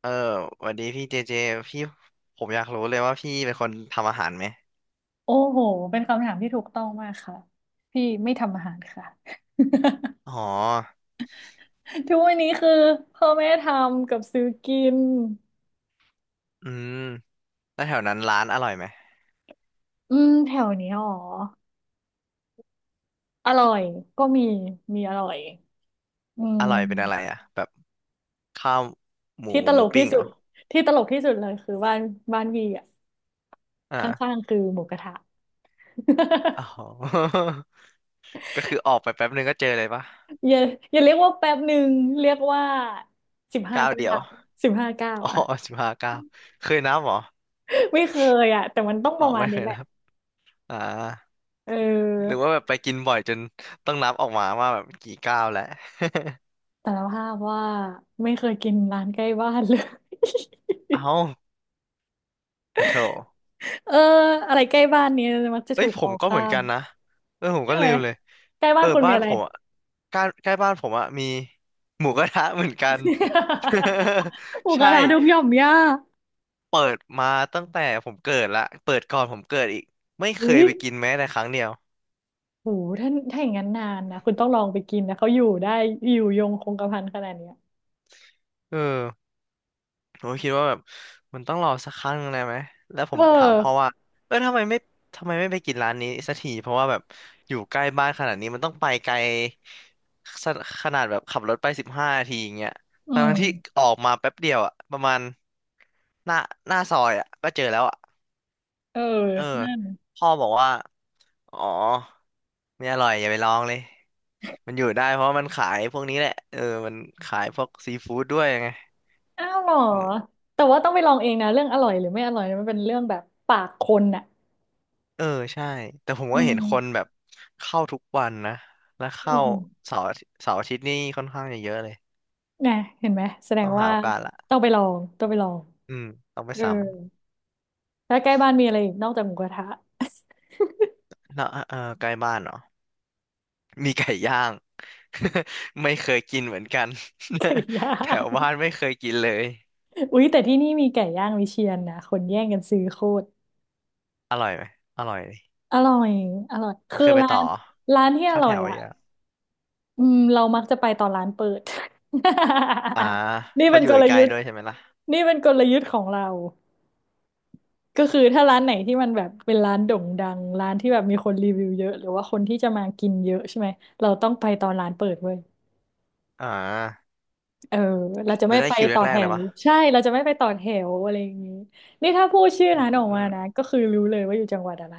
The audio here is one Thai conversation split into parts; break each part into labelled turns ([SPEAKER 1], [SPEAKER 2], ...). [SPEAKER 1] เออสวันนี้พี่เจเจพี่ผมอยากรู้เลยว่าพี่เป็นคนทำอาหารไหม
[SPEAKER 2] โอ้โห เป็นคำถามที่ถูกต้องมากค่ะพี่ไม่ทำอาหารค่ะ
[SPEAKER 1] อ๋อ
[SPEAKER 2] ทุกวันนี้คือพ่อแม่ทำกับซื้อกิน
[SPEAKER 1] อืมแล้วแถวนั้นร้านอร่อยไหม
[SPEAKER 2] อืมแถวนี้อ๋ออร่อยก็มี มีอร่อยอื
[SPEAKER 1] อร่อยเป็นอะไร
[SPEAKER 2] ม
[SPEAKER 1] อ่ะแบบข้าวหมู
[SPEAKER 2] ที่ต
[SPEAKER 1] ห
[SPEAKER 2] ล
[SPEAKER 1] มู
[SPEAKER 2] กที่
[SPEAKER 1] ปิ้ง
[SPEAKER 2] สุ
[SPEAKER 1] เหร
[SPEAKER 2] ด
[SPEAKER 1] อ
[SPEAKER 2] ที่ตลกที่สุดเลยคือบ้านบ้านวีอ่ะข้าง
[SPEAKER 1] อ่า
[SPEAKER 2] ๆคือหมูกระทะ
[SPEAKER 1] อ๋อ ก็คือออกไปแป๊บนึงก็เจอเลยปะ
[SPEAKER 2] อย่าอย่าเรียกว่าแป๊บหนึ่งเรียกว่าสิบห้า
[SPEAKER 1] ก้าว
[SPEAKER 2] เก้า
[SPEAKER 1] เดียว
[SPEAKER 2] สิบห้าเก้า
[SPEAKER 1] อ๋อ
[SPEAKER 2] อ่ะ
[SPEAKER 1] 15 ก้าวเคยนับเหรอ
[SPEAKER 2] ไม่เคยอ่ะแต่มันต้องป
[SPEAKER 1] อ๋อ
[SPEAKER 2] ระมาณ
[SPEAKER 1] ไม่เค
[SPEAKER 2] นี้
[SPEAKER 1] ย
[SPEAKER 2] แหละ
[SPEAKER 1] นับอ่า
[SPEAKER 2] เ
[SPEAKER 1] หรื
[SPEAKER 2] ออ
[SPEAKER 1] อว่าแบบไปกินบ่อยจนต้องนับออกมาว่าแบบกี่ก้าวแล้ว
[SPEAKER 2] สารภาพว่าไม่เคยกินร้านใกล้บ้านเลย
[SPEAKER 1] เอ้าแล้วโถ
[SPEAKER 2] เอออะไรใกล้บ้านเนี้มักจะ
[SPEAKER 1] เอ้
[SPEAKER 2] ถู
[SPEAKER 1] ย
[SPEAKER 2] ก
[SPEAKER 1] ผ
[SPEAKER 2] ม
[SPEAKER 1] ม
[SPEAKER 2] อง
[SPEAKER 1] ก็เห
[SPEAKER 2] ข้า
[SPEAKER 1] มือน
[SPEAKER 2] ม
[SPEAKER 1] กันนะเออผม
[SPEAKER 2] ใช่
[SPEAKER 1] ก็
[SPEAKER 2] ไห
[SPEAKER 1] ลื
[SPEAKER 2] ม
[SPEAKER 1] มเลย
[SPEAKER 2] ใกล้
[SPEAKER 1] เอ
[SPEAKER 2] บ้า
[SPEAKER 1] อ
[SPEAKER 2] นคุณมี
[SPEAKER 1] บ้าน
[SPEAKER 2] อะไร
[SPEAKER 1] ผมอะใกล้ใกล้บ้านผมอะมีหมูกระทะเหมือนกัน
[SPEAKER 2] หมู ก
[SPEAKER 1] ใช่
[SPEAKER 2] ระทะดงหย่อมย่า
[SPEAKER 1] เปิดมาตั้งแต่ผมเกิดละเปิดก่อนผมเกิดอีกไม่เค
[SPEAKER 2] อุ้
[SPEAKER 1] ย
[SPEAKER 2] ย
[SPEAKER 1] ไปกินแม้แต่ครั้งเดียว
[SPEAKER 2] โหถ้าถ้าอย่างนั้นนานนะคุณต้องลองไปกินนะเขาอยู่ได้อยู่ยงคงกระพันขนาดเนี้ย
[SPEAKER 1] เออ ผมก็คิดว่าแบบมันต้องรอสักครั้งหนึ่งเลยไหมแล้วผม
[SPEAKER 2] เอ
[SPEAKER 1] ถามพ่อ
[SPEAKER 2] อ
[SPEAKER 1] ว่าเออทำไมไม่ไปกินร้านนี้สักทีเพราะว่าแบบอยู่ใกล้บ้านขนาดนี้มันต้องไปไกลสขนาดแบบขับรถไป15 นาทีอย่างเงี้ย
[SPEAKER 2] อืม
[SPEAKER 1] ทั้งๆที่ออกมาแป๊บเดียวอะประมาณหน้าหน้าซอยอะก็เจอแล้วอะ
[SPEAKER 2] เออ
[SPEAKER 1] เออ
[SPEAKER 2] นั่น
[SPEAKER 1] พ่อบอกว่าอ๋อไม่อร่อยอย่าไปลองเลยมันอยู่ได้เพราะว่ามันขายพวกนี้แหละเออมันขายพวกซีฟู้ดด้วยไง
[SPEAKER 2] อ้าวเหรอแต่ว่าต้องไปลองเองนะเรื่องอร่อยหรือไม่อร่อยเนี่ยมันเป็นเรื่องแบบปากคนน่ะ
[SPEAKER 1] เออใช่แต่ผม
[SPEAKER 2] อื
[SPEAKER 1] ก็เห็นคน
[SPEAKER 2] ม
[SPEAKER 1] แบบเข้าทุกวันนะแล้ว
[SPEAKER 2] อื
[SPEAKER 1] เข้า
[SPEAKER 2] ม
[SPEAKER 1] เสาร์อาทิตย์เสาร์อาทิตย์นี่ค่อนข้างจะเยอะเลย
[SPEAKER 2] นะเห็นไหมแสดง
[SPEAKER 1] ต้องหา
[SPEAKER 2] ว่า
[SPEAKER 1] โอกาสละ
[SPEAKER 2] ต้องไปลองต้องไปลอง
[SPEAKER 1] อืมต้องไป
[SPEAKER 2] เออ
[SPEAKER 1] ซ้
[SPEAKER 2] แล้วใกล้บ้านมีอะไรอีกนอกจากหมูกระทะ
[SPEAKER 1] ำแล้วเออใกล้บ้านเหรอมีไก่ย่าง ไม่เคยกินเหมือนกัน
[SPEAKER 2] ไก่ย่า
[SPEAKER 1] แถว
[SPEAKER 2] ง
[SPEAKER 1] บ้านไม่เคยกินเลย
[SPEAKER 2] อุ๊ยแต่ที่นี่มีไก่ย่างวิเชียรนะคนแย่งกันซื้อโคตร
[SPEAKER 1] อร่อยไหมอร่อยดิ
[SPEAKER 2] อร่อยอร่อย
[SPEAKER 1] เค
[SPEAKER 2] คือ
[SPEAKER 1] ยไป
[SPEAKER 2] ร้า
[SPEAKER 1] ต่อ
[SPEAKER 2] นร้านที่อ
[SPEAKER 1] ถ้า
[SPEAKER 2] ร่
[SPEAKER 1] แถ
[SPEAKER 2] อย
[SPEAKER 1] ว
[SPEAKER 2] อ่ะ
[SPEAKER 1] เยอะ
[SPEAKER 2] อืมเรามักจะไปตอนร้านเปิด
[SPEAKER 1] อ่า
[SPEAKER 2] นี่
[SPEAKER 1] เพ
[SPEAKER 2] เป็
[SPEAKER 1] ราะอ
[SPEAKER 2] น
[SPEAKER 1] ยู่
[SPEAKER 2] กล
[SPEAKER 1] ใกล้
[SPEAKER 2] ยุท
[SPEAKER 1] ๆ
[SPEAKER 2] ธ์
[SPEAKER 1] ด้วยใช่ไหมล่ะ
[SPEAKER 2] นี่เป็นกลยุทธ์ของเราก็คือถ้าร้านไหนที่มันแบบเป็นร้านโด่งดังร้านที่แบบมีคนรีวิวเยอะหรือว่าคนที่จะมากินเยอะใช่ไหมเราต้องไปตอนร้านเปิดเว้ย
[SPEAKER 1] อ่า
[SPEAKER 2] เออเราจะ
[SPEAKER 1] แล้
[SPEAKER 2] ไม่
[SPEAKER 1] วได้
[SPEAKER 2] ไป
[SPEAKER 1] คิว
[SPEAKER 2] ต่อ
[SPEAKER 1] แร
[SPEAKER 2] แถ
[SPEAKER 1] กๆเลย
[SPEAKER 2] ว
[SPEAKER 1] ปะ
[SPEAKER 2] ใช่เราจะไม่ไปต่อแถวอะไรอย่างนี้นี่ถ้าพูดชื่อ
[SPEAKER 1] อื
[SPEAKER 2] ร้านออกมา
[SPEAKER 1] ม
[SPEAKER 2] นะก็คือรู้เลยว่าอยู่จังหวัดอะไร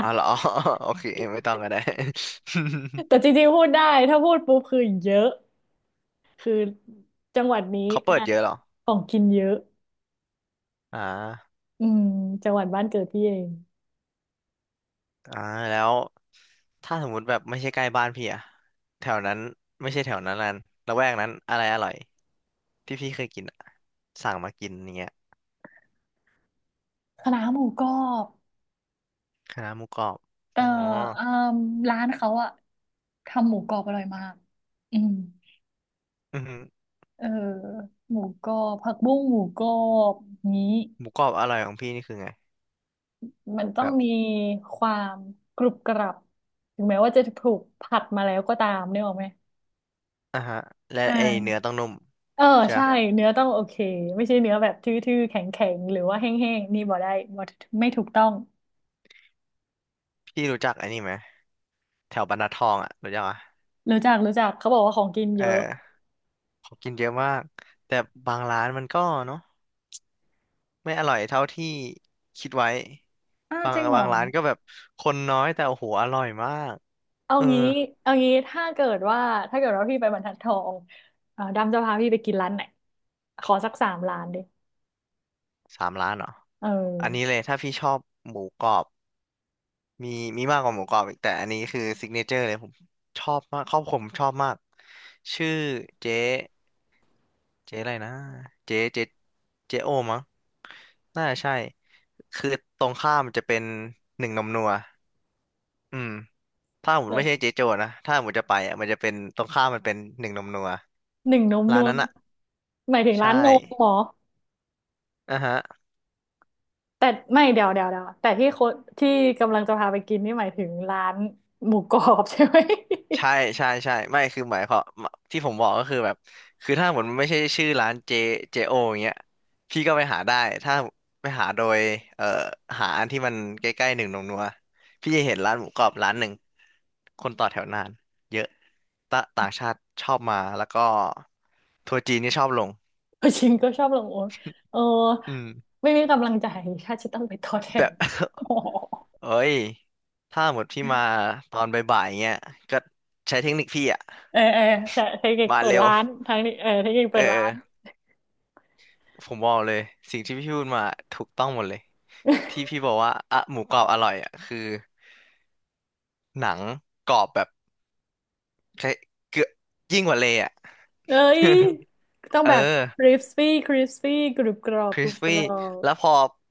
[SPEAKER 1] อ๋อเหรอ โอเคไม่ต้องก็ได้
[SPEAKER 2] แต่จ ริงๆพูดได้ถ้าพูดปุ๊บคือเยอะคือจังหวัดนี้
[SPEAKER 1] เขา
[SPEAKER 2] อ่ะ
[SPEAKER 1] เปิดเยอะเหรอ
[SPEAKER 2] ของกินเยอะ
[SPEAKER 1] อ่า
[SPEAKER 2] อืมจังหวัดบ้านเกิดพี่เอง
[SPEAKER 1] อ่าแล้วถ้าสมมุติแบบไม่ใช่ใกล้บ้านพี่อะแถวนั้นไม่ใช่แถวนั้นละแวกนั้นอะไรอร่อยที่พี่เคยกินอะสั่งมากินอย่างเงี้ย
[SPEAKER 2] คณะน้าหมูกรอบ
[SPEAKER 1] คณะหมูกรอบ
[SPEAKER 2] เอ่อ
[SPEAKER 1] อ๋อ
[SPEAKER 2] อ่ามร้านเขาอะทำหมูกรอบอร่อยมากอืม
[SPEAKER 1] อือหือ
[SPEAKER 2] เออหมูกรอบผักบุ้งหมูกรอบนี้
[SPEAKER 1] หมูกรอบอร่อยของพี่นี่คือไง
[SPEAKER 2] มันต้อง
[SPEAKER 1] แบบ
[SPEAKER 2] มีความกรุบกรับถึงแม้ว่าจะถูกผัดมาแล้วก็ตามนึกออกไหม
[SPEAKER 1] อ่าฮะและ
[SPEAKER 2] อ่
[SPEAKER 1] ไอเนื้อ
[SPEAKER 2] า
[SPEAKER 1] ต้องนุ่ม
[SPEAKER 2] เออ
[SPEAKER 1] ใช่
[SPEAKER 2] ใช่
[SPEAKER 1] ปะ
[SPEAKER 2] เนื้อต้องโอเคไม่ใช่เนื้อแบบทื่อๆแข็งๆหรือว่าแห้งๆนี่บ่ได้บ่ไม่ถูกต้อง
[SPEAKER 1] พี่รู้จักไอ้นี่ไหมแถวบรรทัดทองอะรู้จักอะ
[SPEAKER 2] รู้จักรู้จักเขาบอกว่าของกิน
[SPEAKER 1] เอ
[SPEAKER 2] เยอะ
[SPEAKER 1] อขากินเยอะมากแต่บางร้านมันก็เนาะไม่อร่อยเท่าที่คิดไว้
[SPEAKER 2] อ้าว
[SPEAKER 1] บา
[SPEAKER 2] จ
[SPEAKER 1] ง
[SPEAKER 2] ริงเหรอ
[SPEAKER 1] บางร้านก็แบบคนน้อยแต่โอ้โหอร่อยมาก
[SPEAKER 2] เอา
[SPEAKER 1] เออ
[SPEAKER 2] งี้เอางี้ถ้าเกิดว่าถ้าเกิดว่าพี่ไปบรรทัดทองดำจะพาพี่ไปกินร้านไหนขอสักสามร้านดิ
[SPEAKER 1] สามร้านเหรอ
[SPEAKER 2] เอ
[SPEAKER 1] อันนี้เล
[SPEAKER 2] อ
[SPEAKER 1] ยถ้าพี่ชอบหมูกรอบมีมีมากกว่าหมูกรอบอีกแต่อันนี้คือซิกเนเจอร์เลยผมชอบมากครอบครัวผมชอบมากชื่อเจ๊เจ๊อะไรนะเจ๊เจ๊โอมั้งน่าจะใช่คือตรงข้ามมันจะเป็นหนึ่งนมนัวอืมถ้าผม
[SPEAKER 2] เอ
[SPEAKER 1] ไม่ใช่
[SPEAKER 2] อ
[SPEAKER 1] เจ๊โจนะถ้าผมจะไปอ่ะมันจะเป็นตรงข้ามมันเป็นหนึ่งนมนัว
[SPEAKER 2] หนึ่งนม
[SPEAKER 1] ร้า
[SPEAKER 2] นั
[SPEAKER 1] น
[SPEAKER 2] ว
[SPEAKER 1] นั้นอ่ะ
[SPEAKER 2] หมายถึง
[SPEAKER 1] ใช่
[SPEAKER 2] ร้านนมเหรอ
[SPEAKER 1] อ่ะฮะ
[SPEAKER 2] แต่ไม่เดี๋ยวเดี๋ยวเดี๋ยวแต่ที่โคที่กำลังจะพาไปกินนี่หมายถึงร้านหมูกรอบใช่ไหม
[SPEAKER 1] ใช่ใช่ใช่ไม่คือหมายความที่ผมบอกก็คือแบบคือถ้าหมดมันไม่ใช่ชื่อร้านเจโออย่างเงี้ยพี่ก็ไปหาได้ถ้าไปหาโดยเอ่อหาอันที่มันใกล้ๆหนึ่งหนงนัวพี่จะเห็นร้านหมูกรอบร้านหนึ่งคนต่อแถวนานเยอะตะต่างชาติชอบมาแล้วก็ทัวร์จีนก็ชอบลง
[SPEAKER 2] ชิงก็ชอบลงโอ๊ตเออ
[SPEAKER 1] อืม
[SPEAKER 2] ไม่มีกำลังใจถ้าจะต้องไปทอดแทน
[SPEAKER 1] แบ
[SPEAKER 2] โอ้
[SPEAKER 1] บ
[SPEAKER 2] โห
[SPEAKER 1] เอ้ยถ้าหมดพี่มาตอนบ่ายๆอย่างเงี้ยก็ใช้เทคนิคพี่อะ
[SPEAKER 2] เออเออใช่เทคนิค
[SPEAKER 1] มา
[SPEAKER 2] เปิด
[SPEAKER 1] เร็ว
[SPEAKER 2] ร้านทางนี้เออเทคนิค
[SPEAKER 1] เอ
[SPEAKER 2] เปิดร้าน
[SPEAKER 1] อ ผมบอกเลยสิ่งที่พี่พูดมาถูกต้องหมดเลยที่พี่บอกว่าอะหมูกรอบอร่อยอ่ะคือหนังกรอบแบบใช้เกือบยิ่งกว่าเลยอ่ะ
[SPEAKER 2] เอ้ย ต้อง
[SPEAKER 1] เออ
[SPEAKER 2] แบบ crispy crispy กรุบกรอ
[SPEAKER 1] ค
[SPEAKER 2] บก
[SPEAKER 1] ริ
[SPEAKER 2] รุ
[SPEAKER 1] ส
[SPEAKER 2] บก
[SPEAKER 1] ปี้
[SPEAKER 2] รอบ
[SPEAKER 1] แล้วพอ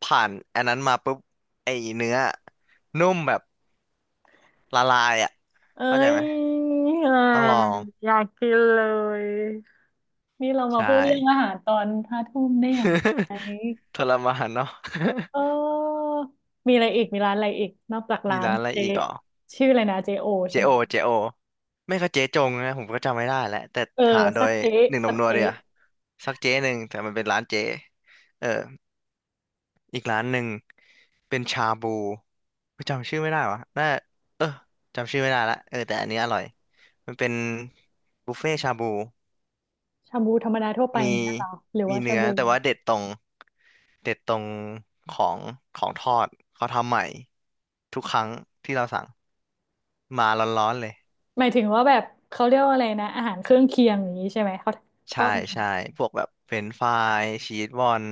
[SPEAKER 1] ผ่านอันนั้นมาปุ๊บไอ้เนื้อนุ่มแบบละลายอ่ะ
[SPEAKER 2] เอ้
[SPEAKER 1] เข้าใจไห
[SPEAKER 2] ย
[SPEAKER 1] ม
[SPEAKER 2] ยอ่า
[SPEAKER 1] ต้องลอง
[SPEAKER 2] อยากกินเลยนี่เรามา
[SPEAKER 1] ใช่
[SPEAKER 2] พูดเรื่องอาหารตอนห้าทุ่มได้อย่างไร
[SPEAKER 1] ทรมานเนาะ
[SPEAKER 2] เออ มีอะไรอีกมีร้านอะไรอีก นอกจาก
[SPEAKER 1] มี
[SPEAKER 2] ร้าน
[SPEAKER 1] ร้านอะไร
[SPEAKER 2] เจ
[SPEAKER 1] อีกเหรอ
[SPEAKER 2] ชื่ออะไรนะเจโอ
[SPEAKER 1] เจ
[SPEAKER 2] ใช่ไหม
[SPEAKER 1] โอเจโอไม่ก็เจ๊จงนะผมก็จำไม่ได้แล้วแต่
[SPEAKER 2] เออ
[SPEAKER 1] หาโด
[SPEAKER 2] สัก
[SPEAKER 1] ย
[SPEAKER 2] เจ
[SPEAKER 1] หนึ่งหน
[SPEAKER 2] สั
[SPEAKER 1] ม
[SPEAKER 2] ก
[SPEAKER 1] นัว
[SPEAKER 2] เจ
[SPEAKER 1] เดียสักเจ๊หนึ่งแต่มันเป็นร้านเจ๊เอออีกร้านหนึ่งเป็นชาบูจำชื่อไม่ได้วะน่าเออจำชื่อไม่ได้ละเออแต่อันนี้อร่อยมันเป็นบุฟเฟ่ชาบู
[SPEAKER 2] ชาบูธรรมดาทั่วไป
[SPEAKER 1] มี
[SPEAKER 2] นั่นเหรอหรือ
[SPEAKER 1] มี
[SPEAKER 2] ว่าชา
[SPEAKER 1] เนื้อ
[SPEAKER 2] บู
[SPEAKER 1] แต่ว่าเด็ดตรงของของทอดเขาทำใหม่ทุกครั้งที่เราสั่งมาร้อนๆเลย
[SPEAKER 2] หมายถึงว่าแบบเขาเรียกว่าอะไรนะ อาหารเครื่องเคียงอย่างนี้ใช่ไหม เขาทอ
[SPEAKER 1] ใช่
[SPEAKER 2] ดมัน
[SPEAKER 1] ใช่พวกแบบเฟรนช์ฟรายชีสบอล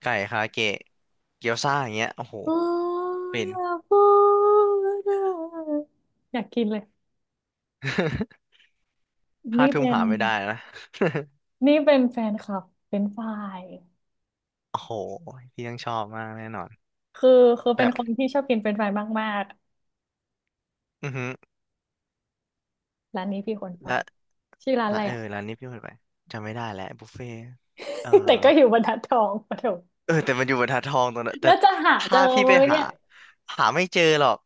[SPEAKER 1] ไก่คาเกะเกี๊ยวซ่าอย่างเงี้ยโอ้โห
[SPEAKER 2] โอ้
[SPEAKER 1] เป็
[SPEAKER 2] ย
[SPEAKER 1] น
[SPEAKER 2] อย่ากพูดอะอยากกินเลย
[SPEAKER 1] ห้า
[SPEAKER 2] นี่
[SPEAKER 1] ทุ่ม
[SPEAKER 2] เป็น
[SPEAKER 1] หาไม่ได้นะ
[SPEAKER 2] นี่เป็นแฟนคลับเป็นฝ่าย
[SPEAKER 1] โอ้โหพี่ต้องชอบมากแน่นอน
[SPEAKER 2] คือคือ
[SPEAKER 1] แบ
[SPEAKER 2] เป็น
[SPEAKER 1] บ
[SPEAKER 2] คนที่ชอบกินเป็นฝ่ายมาก
[SPEAKER 1] อือหือ
[SPEAKER 2] ๆ ร้านนี้พี่คนไป
[SPEAKER 1] และ
[SPEAKER 2] ชื่อร้านอะ
[SPEAKER 1] และ
[SPEAKER 2] ไร
[SPEAKER 1] เอ
[SPEAKER 2] อะ
[SPEAKER 1] อร้านนี้พี่เคยไปจำไม่ได้แล้วบุฟเฟ่เออ
[SPEAKER 2] แต่ก็อยู่บรรทัดทองปะโถ
[SPEAKER 1] เออแต่มันอยู่บรรทัดทองตรงนั้นแต่
[SPEAKER 2] แล้วจะหาเจ
[SPEAKER 1] ถ้า
[SPEAKER 2] อ
[SPEAKER 1] พี่
[SPEAKER 2] ไหม
[SPEAKER 1] ไปหา
[SPEAKER 2] เนี่ย
[SPEAKER 1] หาไม่เจอหรอก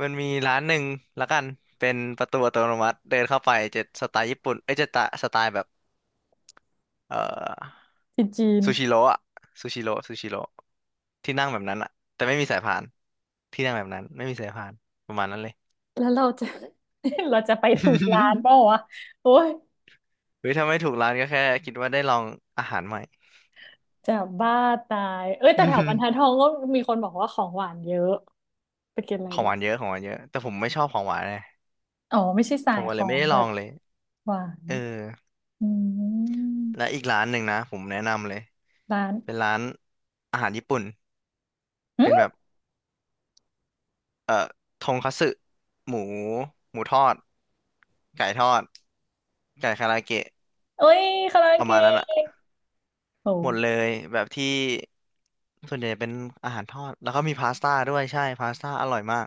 [SPEAKER 1] มันมีร้านหนึ่งละกันเป็นประตูอัตโนมัติเดินเข้าไปจะสไตล์ญี่ปุ่นเอ้ยจะตะสไตล์แบบ เอ่อ
[SPEAKER 2] ที่จีน
[SPEAKER 1] ซูชิโร่อะซูชิโร่ซูชิโร่ที่นั่งแบบนั้นอะแต่ไม่มีสายพานที่นั่งแบบนั้นไม่มีสายพานประมาณนั้นเลย
[SPEAKER 2] แล้วเราจะ เราจะไปถูกร้านเปล่า วะโอ้ย
[SPEAKER 1] เฮ้ยถ้าไม่ถูกร้านก็แค่คิดว่าได้ลองอาหารใหม่
[SPEAKER 2] จะบ้าตายเอ้ยแต่
[SPEAKER 1] อื
[SPEAKER 2] แถวบรรทัดท
[SPEAKER 1] ม
[SPEAKER 2] องก็มีคนบอกว่าของหวานเยอะไปกินอะไร
[SPEAKER 1] ของ
[SPEAKER 2] ดี
[SPEAKER 1] หวานเยอะของหวานเยอะแต่ผมไม่ชอบของหวานเลย
[SPEAKER 2] อ๋อไม่ใช่สา
[SPEAKER 1] ผ
[SPEAKER 2] ย
[SPEAKER 1] มก็
[SPEAKER 2] ข
[SPEAKER 1] เล
[SPEAKER 2] อ
[SPEAKER 1] ยไม่
[SPEAKER 2] ง
[SPEAKER 1] ได้ล
[SPEAKER 2] แบ
[SPEAKER 1] อ
[SPEAKER 2] บ
[SPEAKER 1] งเลย
[SPEAKER 2] หวาน
[SPEAKER 1] เออ
[SPEAKER 2] อื
[SPEAKER 1] และ
[SPEAKER 2] ม
[SPEAKER 1] อีกร้านหนึ่งนะผมแนะนำเลย
[SPEAKER 2] ร้าน
[SPEAKER 1] เป็นร้านอาหารญี่ปุ่น
[SPEAKER 2] อื
[SPEAKER 1] เป็นแบบ
[SPEAKER 2] ม
[SPEAKER 1] เอ่อทงคัตสึหมูหมูทอดไก่ทอดไก่คาราเกะ
[SPEAKER 2] โอ้ยคาราโอ
[SPEAKER 1] ประ
[SPEAKER 2] เก
[SPEAKER 1] มาณนั้นอะ
[SPEAKER 2] ะโอ
[SPEAKER 1] หมดเล
[SPEAKER 2] ้
[SPEAKER 1] ยแบบที่ส่วนใหญ่เป็นอาหารทอดแล้วก็มีพาสต้าด้วยใช่พาสต้าอร่อยมาก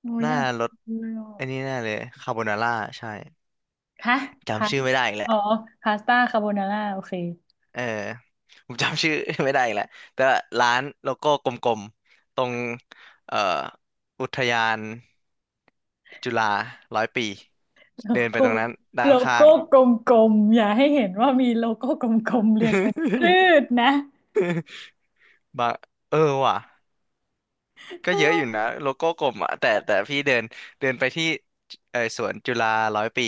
[SPEAKER 2] โอ้ย
[SPEAKER 1] ห
[SPEAKER 2] อ
[SPEAKER 1] น้า
[SPEAKER 2] ยาก
[SPEAKER 1] รส
[SPEAKER 2] กินเลยอ่ะ
[SPEAKER 1] อันนี้แน่เลยคาโบนาร่าใช่
[SPEAKER 2] ฮะพา
[SPEAKER 1] จำ
[SPEAKER 2] ส
[SPEAKER 1] ชื่อไม่ได้อีกแห
[SPEAKER 2] อ๋
[SPEAKER 1] ละ
[SPEAKER 2] อพาสต้าคาโบนาร่าโอเค
[SPEAKER 1] เออผมจำชื่อ ไม่ได้อีกแหละแต่ว่าร้านโลโก้กลมๆตรงเอ่ออุทยานจุฬาร้อยปี
[SPEAKER 2] โล
[SPEAKER 1] เดินไป
[SPEAKER 2] โก้
[SPEAKER 1] ตรงนั้นด้า
[SPEAKER 2] โล
[SPEAKER 1] นข้า
[SPEAKER 2] โก้
[SPEAKER 1] ง
[SPEAKER 2] กลมๆอย่าให้เห็นว่ามีโลโก้กลมๆเรียงเป็นคลืดนะ
[SPEAKER 1] บะเออว่ะ
[SPEAKER 2] เ
[SPEAKER 1] ก็เยอะอยู่
[SPEAKER 2] ออ
[SPEAKER 1] นะโลโก้กลมอ่ะแต่พี่เดินเดินไปที่เออสวนจุฬาร้อยปี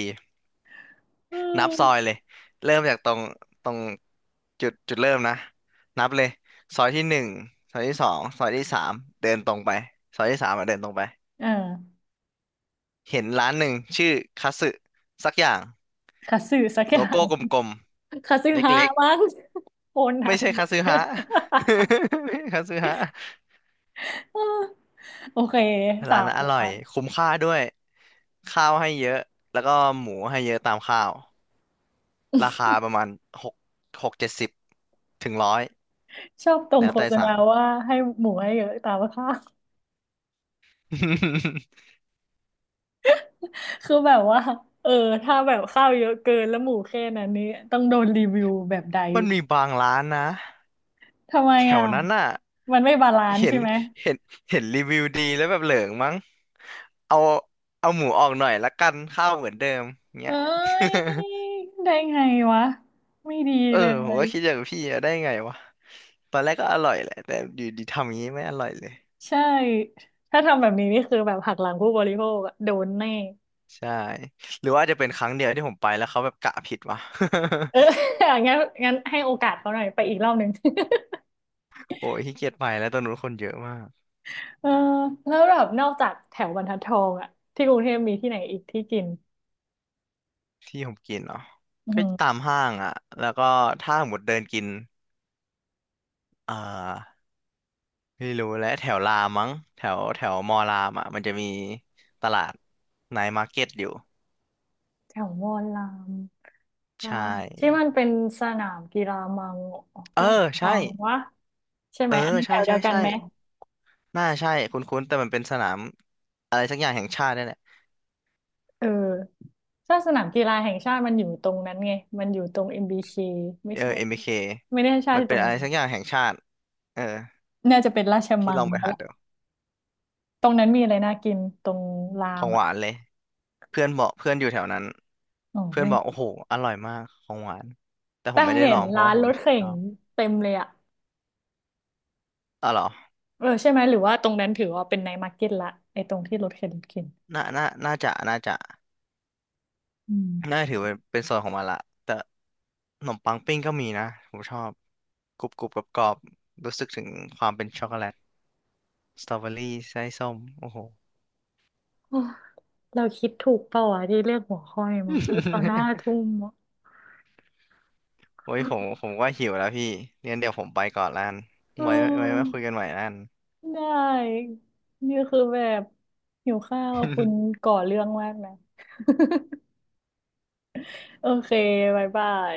[SPEAKER 2] เ
[SPEAKER 1] นับซอย
[SPEAKER 2] ออ
[SPEAKER 1] เลยเริ่มจากตรงจุดเริ่มนะนับเลยซอยที่หนึ่งซอยที่สองซอยที่สามเดินตรงไปซอยที่สามอ่ะเดินตรงไป
[SPEAKER 2] เออ
[SPEAKER 1] เห็นร้านหนึ่งชื่อคัตสึสักอย่าง
[SPEAKER 2] คาสึสักอ
[SPEAKER 1] โล
[SPEAKER 2] ย่า
[SPEAKER 1] โก้
[SPEAKER 2] ง
[SPEAKER 1] กลม
[SPEAKER 2] คาสึ
[SPEAKER 1] ๆเ
[SPEAKER 2] ฮะ
[SPEAKER 1] ล็ก
[SPEAKER 2] มั้งโอ
[SPEAKER 1] ๆ
[SPEAKER 2] นั
[SPEAKER 1] ไม่
[SPEAKER 2] น
[SPEAKER 1] ใช่คัตสึฮะ ไม่ใช่คัตสึฮะ
[SPEAKER 2] เออ โอเคสา
[SPEAKER 1] ร้าน
[SPEAKER 2] ม
[SPEAKER 1] นั้นอ
[SPEAKER 2] ล้า
[SPEAKER 1] ร่อย
[SPEAKER 2] น
[SPEAKER 1] คุ้มค่าด้วยข้าวให้เยอะแล้วก็หมูให้เยอะตามข้าว ราคาประมาณหกหก70ถึงร้อย
[SPEAKER 2] ชอบตรง
[SPEAKER 1] แล้ว
[SPEAKER 2] โฆ
[SPEAKER 1] แต่
[SPEAKER 2] ษณา
[SPEAKER 1] สั่ง
[SPEAKER 2] ว่าให้หมูให้เยอะตามข้าว คือแบบว่าเออถ้าแบบข้าวเยอะเกินแล้วหมูแค่นั้นนี้ต้องโดนรีวิวแบบใด
[SPEAKER 1] มันมีบางร้านนะ
[SPEAKER 2] ทำไม
[SPEAKER 1] แถ
[SPEAKER 2] อ่ะ
[SPEAKER 1] วนั้นน่ะ
[SPEAKER 2] มันไม่บาลานซ์
[SPEAKER 1] เห็
[SPEAKER 2] ใช่
[SPEAKER 1] น
[SPEAKER 2] ไหม
[SPEAKER 1] เห็นเห็นรีวิวดีแล้วแบบเหลิงมั้งเอาเอาหมูออกหน่อยละกันข้าวเหมือนเดิมเงี้
[SPEAKER 2] เอ้
[SPEAKER 1] ย
[SPEAKER 2] ยได้ไงวะไม่ดี
[SPEAKER 1] เออ
[SPEAKER 2] เล
[SPEAKER 1] ผม
[SPEAKER 2] ย
[SPEAKER 1] ก็คิดอย่างพี่อะได้ไงวะตอนแรกก็อร่อยแหละแต่อยู่ดีทำอย่างนี้ไม่อร่อยเลย
[SPEAKER 2] ใช่ถ้าทำแบบนี้นี่คือแบบหักหลังผู้บริโภคอะโดนแน่
[SPEAKER 1] ใช่หรือว่าอาจจะเป็นครั้งเดียวที่ผมไปแล้วเขาแบบกะผิดวะ
[SPEAKER 2] เออ งั้นงั้นให้โอกาสเขาหน่อยไปอีกรอบหนึ่ง
[SPEAKER 1] โอ้ยขี้เกียจไปแล้วตอนนู้นคนเยอะมาก
[SPEAKER 2] เออแล้วแบบนอกจากแถวบรรทัดทองอะที่กรุงเทพมีที่ไหนอีกที่กิน
[SPEAKER 1] ที่ผมกินเนาะ
[SPEAKER 2] อื
[SPEAKER 1] ก็ตา
[SPEAKER 2] ม
[SPEAKER 1] มห้างอ่ะแล้วก็ถ้าหมดเดินกินเอ่อไม่รู้แหละแถวรามมั้งแถวแถวมอรามอ่ะมันจะมีตลาดไนท์มาร์เก็ตอยู่
[SPEAKER 2] แถวมอลรามรา
[SPEAKER 1] ใช่
[SPEAKER 2] มที่มันเป็นสนามกีฬามัง
[SPEAKER 1] เอ
[SPEAKER 2] ราช
[SPEAKER 1] อ
[SPEAKER 2] วั
[SPEAKER 1] ใช่
[SPEAKER 2] งวะใช่
[SPEAKER 1] เอ
[SPEAKER 2] ไหม
[SPEAKER 1] อ
[SPEAKER 2] อันนั้นแถ
[SPEAKER 1] ใช่
[SPEAKER 2] วเดี
[SPEAKER 1] ใช่
[SPEAKER 2] ยวกัน
[SPEAKER 1] ใช่
[SPEAKER 2] ไหม
[SPEAKER 1] น่าใช่คุ้นๆแต่มันเป็นสนามอะไรสักอย่างแห่งชาตินี่นแหละ
[SPEAKER 2] เออถ้าสนามกีฬาแห่งชาติมันอยู่ตรงนั้นไง มันอยู่ตรง MBK ไม่
[SPEAKER 1] เออ
[SPEAKER 2] ใช่
[SPEAKER 1] MBK
[SPEAKER 2] ไม่ได้ให้ชา
[SPEAKER 1] มั
[SPEAKER 2] ติ
[SPEAKER 1] น
[SPEAKER 2] ต
[SPEAKER 1] เป็
[SPEAKER 2] ร
[SPEAKER 1] น
[SPEAKER 2] ง
[SPEAKER 1] อะไร
[SPEAKER 2] นั้น
[SPEAKER 1] สักอย่างแห่งชาติเออ
[SPEAKER 2] น่าจะเป็นราช
[SPEAKER 1] พี่
[SPEAKER 2] มั
[SPEAKER 1] ล
[SPEAKER 2] ง
[SPEAKER 1] องไป
[SPEAKER 2] แล้ว
[SPEAKER 1] หา
[SPEAKER 2] ล่ะ
[SPEAKER 1] ดู
[SPEAKER 2] ตรงนั้นมีอะไรน่ากินตรงรา
[SPEAKER 1] ขอ
[SPEAKER 2] ม
[SPEAKER 1] งห
[SPEAKER 2] อ่ะ
[SPEAKER 1] วานเลย เพื่อนบอกเพื่อนอยู่แถวนั้น
[SPEAKER 2] อ๋อ
[SPEAKER 1] เพื่อน
[SPEAKER 2] เพื่อน
[SPEAKER 1] บอกโอ้โหอร่อยมากของหวานแต่ผ
[SPEAKER 2] แต่
[SPEAKER 1] มไม่ได้
[SPEAKER 2] เห็
[SPEAKER 1] ลอ
[SPEAKER 2] น
[SPEAKER 1] งเพราะ
[SPEAKER 2] ร้า
[SPEAKER 1] ว่า
[SPEAKER 2] น
[SPEAKER 1] ผม
[SPEAKER 2] ร
[SPEAKER 1] ไม่
[SPEAKER 2] ถ
[SPEAKER 1] ช
[SPEAKER 2] เข็
[SPEAKER 1] อ
[SPEAKER 2] น
[SPEAKER 1] บ
[SPEAKER 2] เต็มเลยอ่ะ
[SPEAKER 1] อ๋อเหรอ
[SPEAKER 2] เออใช่ไหมหรือว่าตรงนั้นถือว่าเป็นไนท์มาร์เก็ตละไอ้ตรงที่รถเข็นรถเข็น
[SPEAKER 1] น่าจะ
[SPEAKER 2] อืม
[SPEAKER 1] น่าถือเป็นส่วนของมันละแต่ขนมปังปิ้งก็มีนะผมชอบกรุบกรุบกรอบกรอบๆรู้สึกถึงความเป็นช็อกโกแลตสตรอเบอรี่ไส้ส้มโอ้โห
[SPEAKER 2] โอ้เราคิดถูกเปล่าวะที่เลือกหัวข้อนี้มาพูดตอนหน้าทุ่ มอะ
[SPEAKER 1] โอ้ยผมก็หิวแล้วพี่งั้นเดี๋ยวผมไปก่อนละกัน
[SPEAKER 2] เ
[SPEAKER 1] ไว้ไว้มา
[SPEAKER 2] ออ
[SPEAKER 1] คุยกันใหม่ละกัน
[SPEAKER 2] ได้นี่คือแบบหิวข้าวคุณก่อเรื่องมากนะ โอเคบ๊ายบาย